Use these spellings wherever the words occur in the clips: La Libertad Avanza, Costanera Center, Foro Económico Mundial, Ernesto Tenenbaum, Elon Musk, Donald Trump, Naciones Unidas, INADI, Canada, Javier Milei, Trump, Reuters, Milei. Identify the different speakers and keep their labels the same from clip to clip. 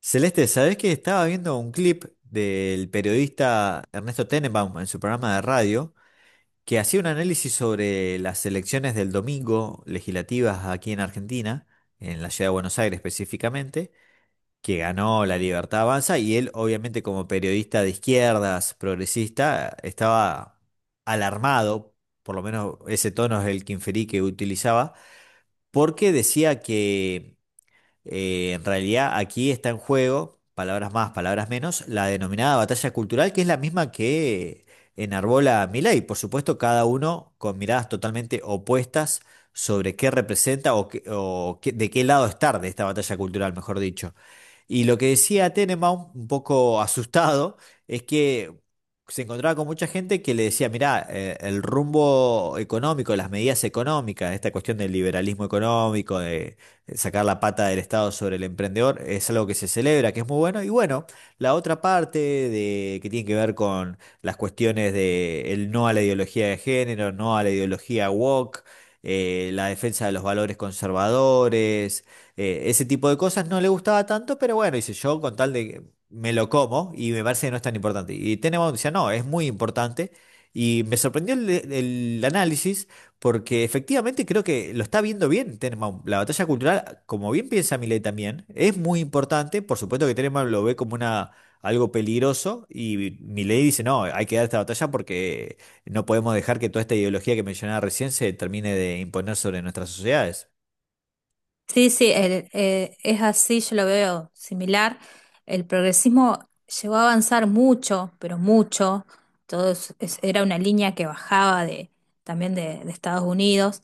Speaker 1: Celeste, ¿sabés que estaba viendo un clip del periodista Ernesto Tenenbaum en su programa de radio que hacía un análisis sobre las elecciones del domingo legislativas aquí en Argentina, en la ciudad de Buenos Aires específicamente, que ganó La Libertad Avanza? Y él, obviamente, como periodista de izquierdas, progresista, estaba alarmado, por lo menos ese tono es el que inferí que utilizaba, porque decía que en realidad aquí está en juego, palabras más, palabras menos, la denominada batalla cultural, que es la misma que enarbola Milei. Por supuesto, cada uno con miradas totalmente opuestas sobre qué representa de qué lado estar de esta batalla cultural, mejor dicho. Y lo que decía Tenenbaum, un poco asustado, es que se encontraba con mucha gente que le decía, mirá, el rumbo económico, las medidas económicas, esta cuestión del liberalismo económico, de sacar la pata del Estado sobre el emprendedor, es algo que se celebra, que es muy bueno. Y bueno, la otra parte de, que tiene que ver con las cuestiones de el no a la ideología de género, no a la ideología woke, la defensa de los valores conservadores, ese tipo de cosas no le gustaba tanto, pero bueno, dice yo con tal de que me lo como y me parece que no es tan importante. Y Tenenbaum decía, no, es muy importante. Y me sorprendió el análisis, porque efectivamente creo que lo está viendo bien Tenenbaum. La batalla cultural, como bien piensa Milei también, es muy importante. Por supuesto que Tenenbaum lo ve como una, algo peligroso, y Milei dice, no, hay que dar esta batalla porque no podemos dejar que toda esta ideología que mencionaba recién se termine de imponer sobre nuestras sociedades.
Speaker 2: Sí, sí, es así, yo lo veo similar. El progresismo llegó a avanzar mucho, pero mucho. Todo era una línea que bajaba de, también de Estados Unidos.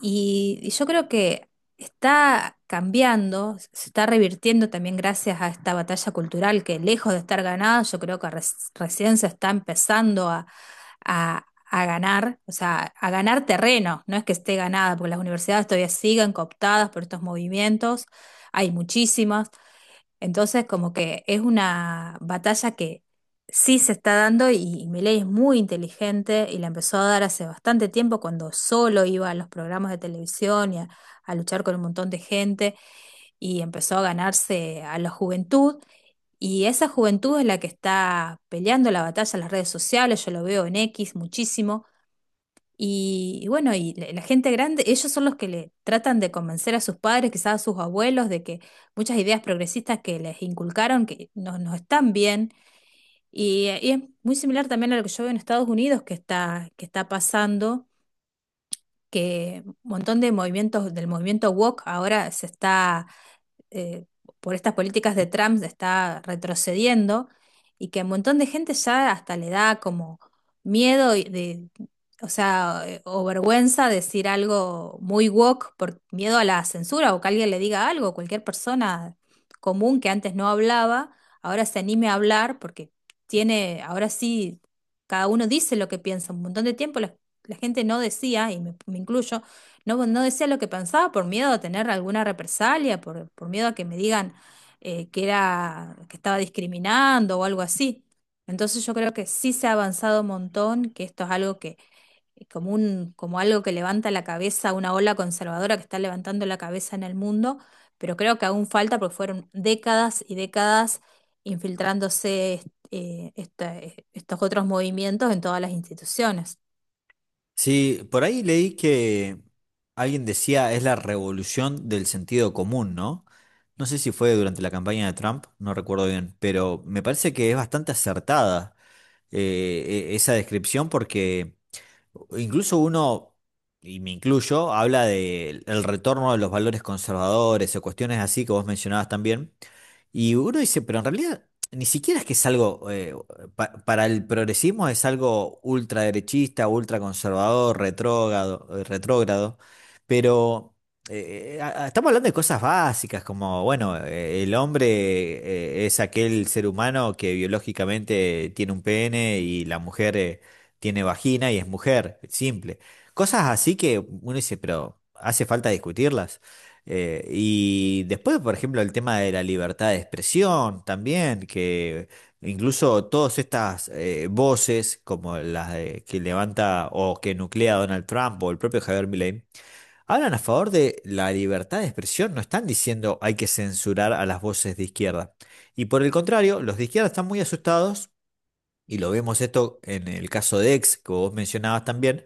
Speaker 2: Y yo creo que está cambiando, se está revirtiendo también gracias a esta batalla cultural que lejos de estar ganada, yo creo que recién se está empezando a ganar, o sea, a ganar terreno, no es que esté ganada, porque las universidades todavía siguen cooptadas por estos movimientos, hay muchísimas, entonces como que es una batalla que sí se está dando y Milei es muy inteligente y la empezó a dar hace bastante tiempo cuando solo iba a los programas de televisión y a luchar con un montón de gente y empezó a ganarse a la juventud. Y esa juventud es la que está peleando la batalla en las redes sociales, yo lo veo en X muchísimo, y bueno, y la gente grande, ellos son los que le tratan de convencer a sus padres, quizás a sus abuelos, de que muchas ideas progresistas que les inculcaron que no, no están bien. Y es muy similar también a lo que yo veo en Estados Unidos que está pasando, que un montón de movimientos del movimiento woke ahora se está eh, por estas políticas de Trump está retrocediendo y que a un montón de gente ya hasta le da como miedo y de, o sea, o vergüenza decir algo muy woke por miedo a la censura o que alguien le diga algo, cualquier persona común que antes no hablaba, ahora se anime a hablar porque tiene, ahora sí, cada uno dice lo que piensa. Un montón de tiempo la, la gente no decía, y me incluyo, no, no decía lo que pensaba por miedo a tener alguna represalia, por miedo a que me digan que era, que estaba discriminando o algo así. Entonces yo creo que sí se ha avanzado un montón, que esto es algo que, como un, como algo que levanta la cabeza, una ola conservadora que está levantando la cabeza en el mundo, pero creo que aún falta porque fueron décadas y décadas infiltrándose estos otros movimientos en todas las instituciones.
Speaker 1: Sí, por ahí leí que alguien decía es la revolución del sentido común, ¿no? No sé si fue durante la campaña de Trump, no recuerdo bien, pero me parece que es bastante acertada esa descripción, porque incluso uno, y me incluyo, habla del retorno de los valores conservadores o cuestiones así que vos mencionabas también. Y uno dice, pero en realidad ni siquiera es que es algo, para el progresismo es algo ultraderechista, ultraconservador, retrógrado, retrógrado, pero estamos hablando de cosas básicas como, bueno, el hombre es aquel ser humano que biológicamente tiene un pene, y la mujer tiene vagina y es mujer, simple. Cosas así que uno dice, pero hace falta discutirlas. Y después, por ejemplo, el tema de la libertad de expresión también, que incluso todas estas voces, como las que levanta o que nuclea Donald Trump o el propio Javier Milei, hablan a favor de la libertad de expresión, no están diciendo hay que censurar a las voces de izquierda. Y por el contrario, los de izquierda están muy asustados, y lo vemos esto en el caso de X, que vos mencionabas también,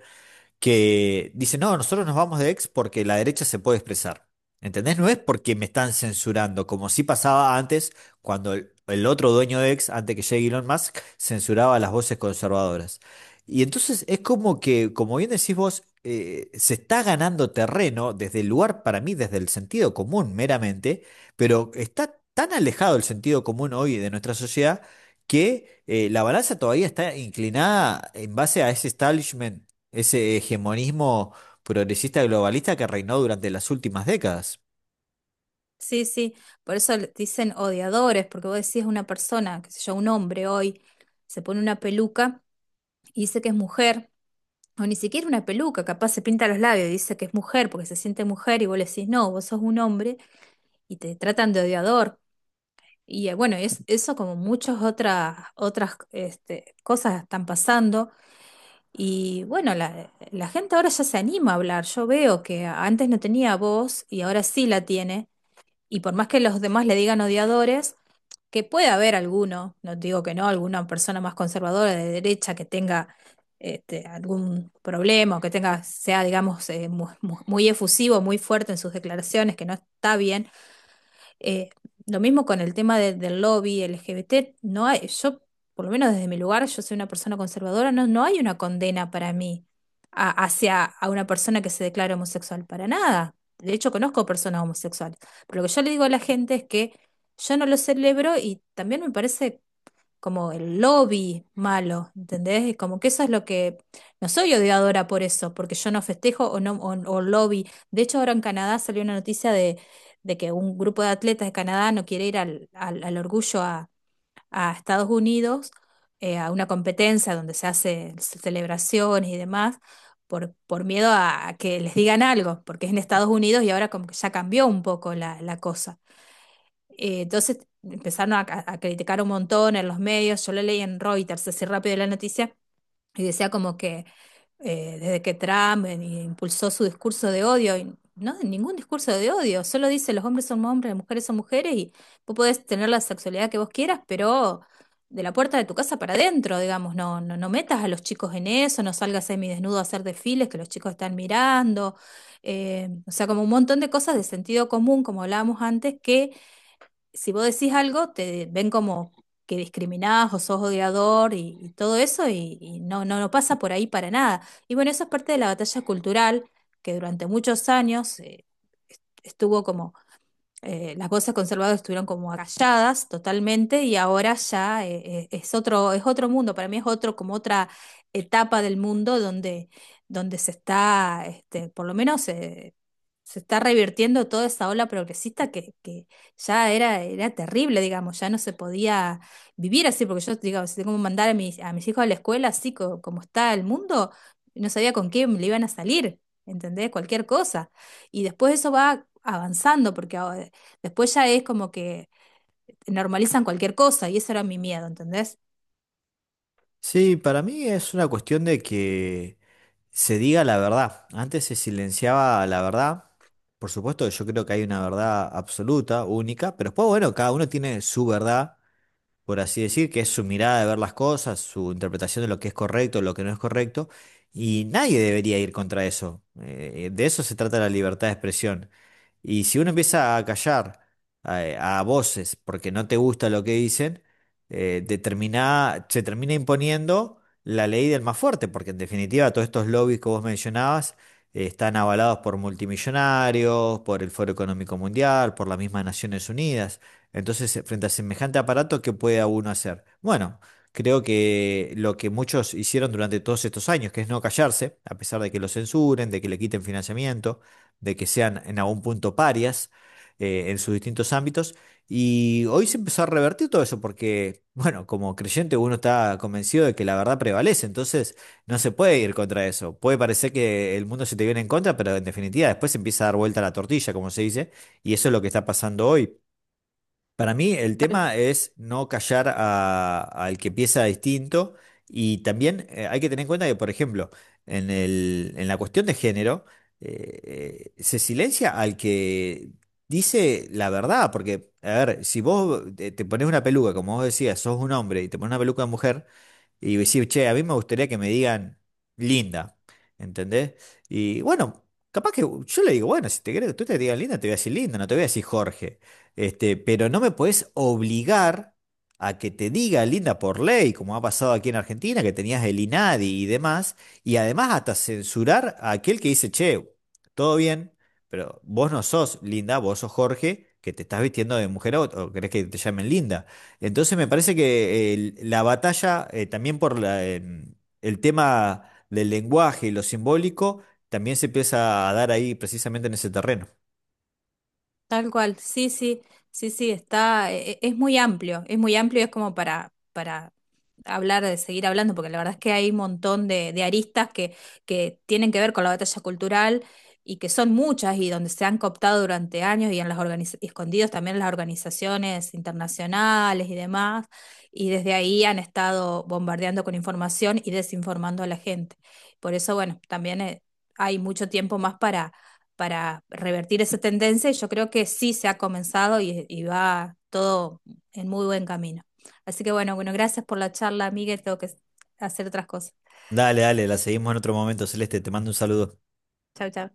Speaker 1: que dice, no, nosotros nos vamos de ex porque la derecha se puede expresar. ¿Entendés? No es porque me están censurando, como sí pasaba antes, cuando el otro dueño de ex, antes que llegue Elon Musk, censuraba las voces conservadoras. Y entonces es como que, como bien decís vos, se está ganando terreno desde el lugar, para mí, desde el sentido común meramente, pero está tan alejado el sentido común hoy de nuestra sociedad que la balanza todavía está inclinada en base a ese establishment, ese hegemonismo progresista globalista que reinó durante las últimas décadas.
Speaker 2: Sí, sí, por eso dicen odiadores, porque vos decís una persona, qué sé yo, un hombre hoy, se pone una peluca y dice que es mujer, o ni siquiera una peluca, capaz se pinta los labios y dice que es mujer porque se siente mujer y vos le decís, no, vos sos un hombre y te tratan de odiador. Y bueno, es, eso como muchas otras, otras este, cosas están pasando. Y bueno, la gente ahora ya se anima a hablar. Yo veo que antes no tenía voz y ahora sí la tiene y por más que los demás le digan odiadores, que puede haber alguno, no digo que no, alguna persona más conservadora de derecha que tenga este, algún problema o que tenga, sea, digamos, muy, efusivo, muy fuerte en sus declaraciones, que no está bien, eh, lo mismo con el tema del lobby LGBT, no hay, yo, por lo menos desde mi lugar, yo soy una persona conservadora, no, no hay una condena para mí hacia a una persona que se declara homosexual, para nada. De hecho, conozco personas homosexuales. Pero lo que yo le digo a la gente es que yo no lo celebro y también me parece como el lobby malo, ¿entendés? Y como que eso es lo que... No soy odiadora por eso, porque yo no festejo o, no, o lobby. De hecho, ahora en Canadá salió una noticia de que un grupo de atletas de Canadá no quiere ir al, al, al orgullo a Estados Unidos, a una competencia donde se hace celebraciones y demás, por miedo a que les digan algo, porque es en Estados Unidos y ahora como que ya cambió un poco la, la cosa. Entonces empezaron a criticar un montón en los medios. Yo lo leí en Reuters, así rápido la noticia, y decía como que desde que Trump impulsó su discurso de odio, y no, ningún discurso de odio, solo dice los hombres son hombres, las mujeres son mujeres, y vos podés tener la sexualidad que vos quieras, pero de la puerta de tu casa para adentro, digamos, no, no, no metas a los chicos en eso, no salgas semidesnudo a hacer desfiles que los chicos están mirando. O sea, como un montón de cosas de sentido común, como hablábamos antes, que si vos decís algo, te ven como que discriminás o sos odiador y todo eso, y no, no, no pasa por ahí para nada. Y bueno, eso es parte de la batalla cultural que durante muchos años estuvo como las voces conservadoras estuvieron como agalladas totalmente y ahora ya es otro mundo, para mí es otro, como otra etapa del mundo donde, donde se está, este, por lo menos se está revirtiendo toda esa ola progresista que ya era, era terrible, digamos, ya no se podía vivir así, porque yo, digamos, si tengo que mandar a mis hijos a la escuela así como está el mundo, no sabía con quién le iban a salir. ¿Entendés? Cualquier cosa. Y después eso va avanzando, porque ahora. Después ya es como que normalizan cualquier cosa y eso era mi miedo, ¿entendés?
Speaker 1: Sí, para mí es una cuestión de que se diga la verdad. Antes se silenciaba la verdad. Por supuesto, yo creo que hay una verdad absoluta, única, pero después, bueno, cada uno tiene su verdad, por así decir, que es su mirada de ver las cosas, su interpretación de lo que es correcto, lo que no es correcto, y nadie debería ir contra eso. De eso se trata la libertad de expresión. Y si uno empieza a callar a voces porque no te gusta lo que dicen, se termina imponiendo la ley del más fuerte, porque en definitiva todos estos lobbies que vos mencionabas están avalados por multimillonarios, por el Foro Económico Mundial, por las mismas Naciones Unidas. Entonces, frente a semejante aparato, ¿qué puede uno hacer? Bueno, creo que lo que muchos hicieron durante todos estos años, que es no callarse, a pesar de que lo censuren, de que le quiten financiamiento, de que sean en algún punto parias en sus distintos ámbitos. Y hoy se empezó a revertir todo eso porque, bueno, como creyente uno está convencido de que la verdad prevalece, entonces no se puede ir contra eso. Puede parecer que el mundo se te viene en contra, pero en definitiva después se empieza a dar vuelta la tortilla, como se dice, y eso es lo que está pasando hoy. Para mí el tema es no callar al que piensa distinto, y también, hay que tener en cuenta que, por ejemplo, en en la cuestión de género, se silencia al que dice la verdad, porque, a ver, si vos te pones una peluca, como vos decías, sos un hombre y te pones una peluca de mujer, y decir, che, a mí me gustaría que me digan linda, ¿entendés? Y bueno, capaz que yo le digo, bueno, si te querés que tú te digas linda, te voy a decir linda, no te voy a decir Jorge, este, pero no me podés obligar a que te diga linda por ley, como ha pasado aquí en Argentina, que tenías el INADI y demás, y además hasta censurar a aquel que dice, che, todo bien, pero vos no sos linda, vos sos Jorge, que te estás vistiendo de mujer, o querés que te llamen linda. Entonces me parece que la batalla, también por la, el tema del lenguaje y lo simbólico, también se empieza a dar ahí precisamente en ese terreno.
Speaker 2: Tal cual, sí, sí, sí, sí, está, es muy amplio, es muy amplio, es como para hablar, de seguir hablando, porque la verdad es que hay un montón de aristas que tienen que ver con la batalla cultural y que son muchas y donde se han cooptado durante años y en las y escondidos también en las organizaciones internacionales y demás, y desde ahí han estado bombardeando con información y desinformando a la gente. Por eso, bueno, también hay mucho tiempo más para revertir esa tendencia y yo creo que sí se ha comenzado y va todo en muy buen camino. Así que bueno, bueno, gracias por la charla, Miguel, tengo que hacer otras cosas.
Speaker 1: Dale, dale, la seguimos en otro momento, Celeste, te mando un saludo.
Speaker 2: Chau, chau.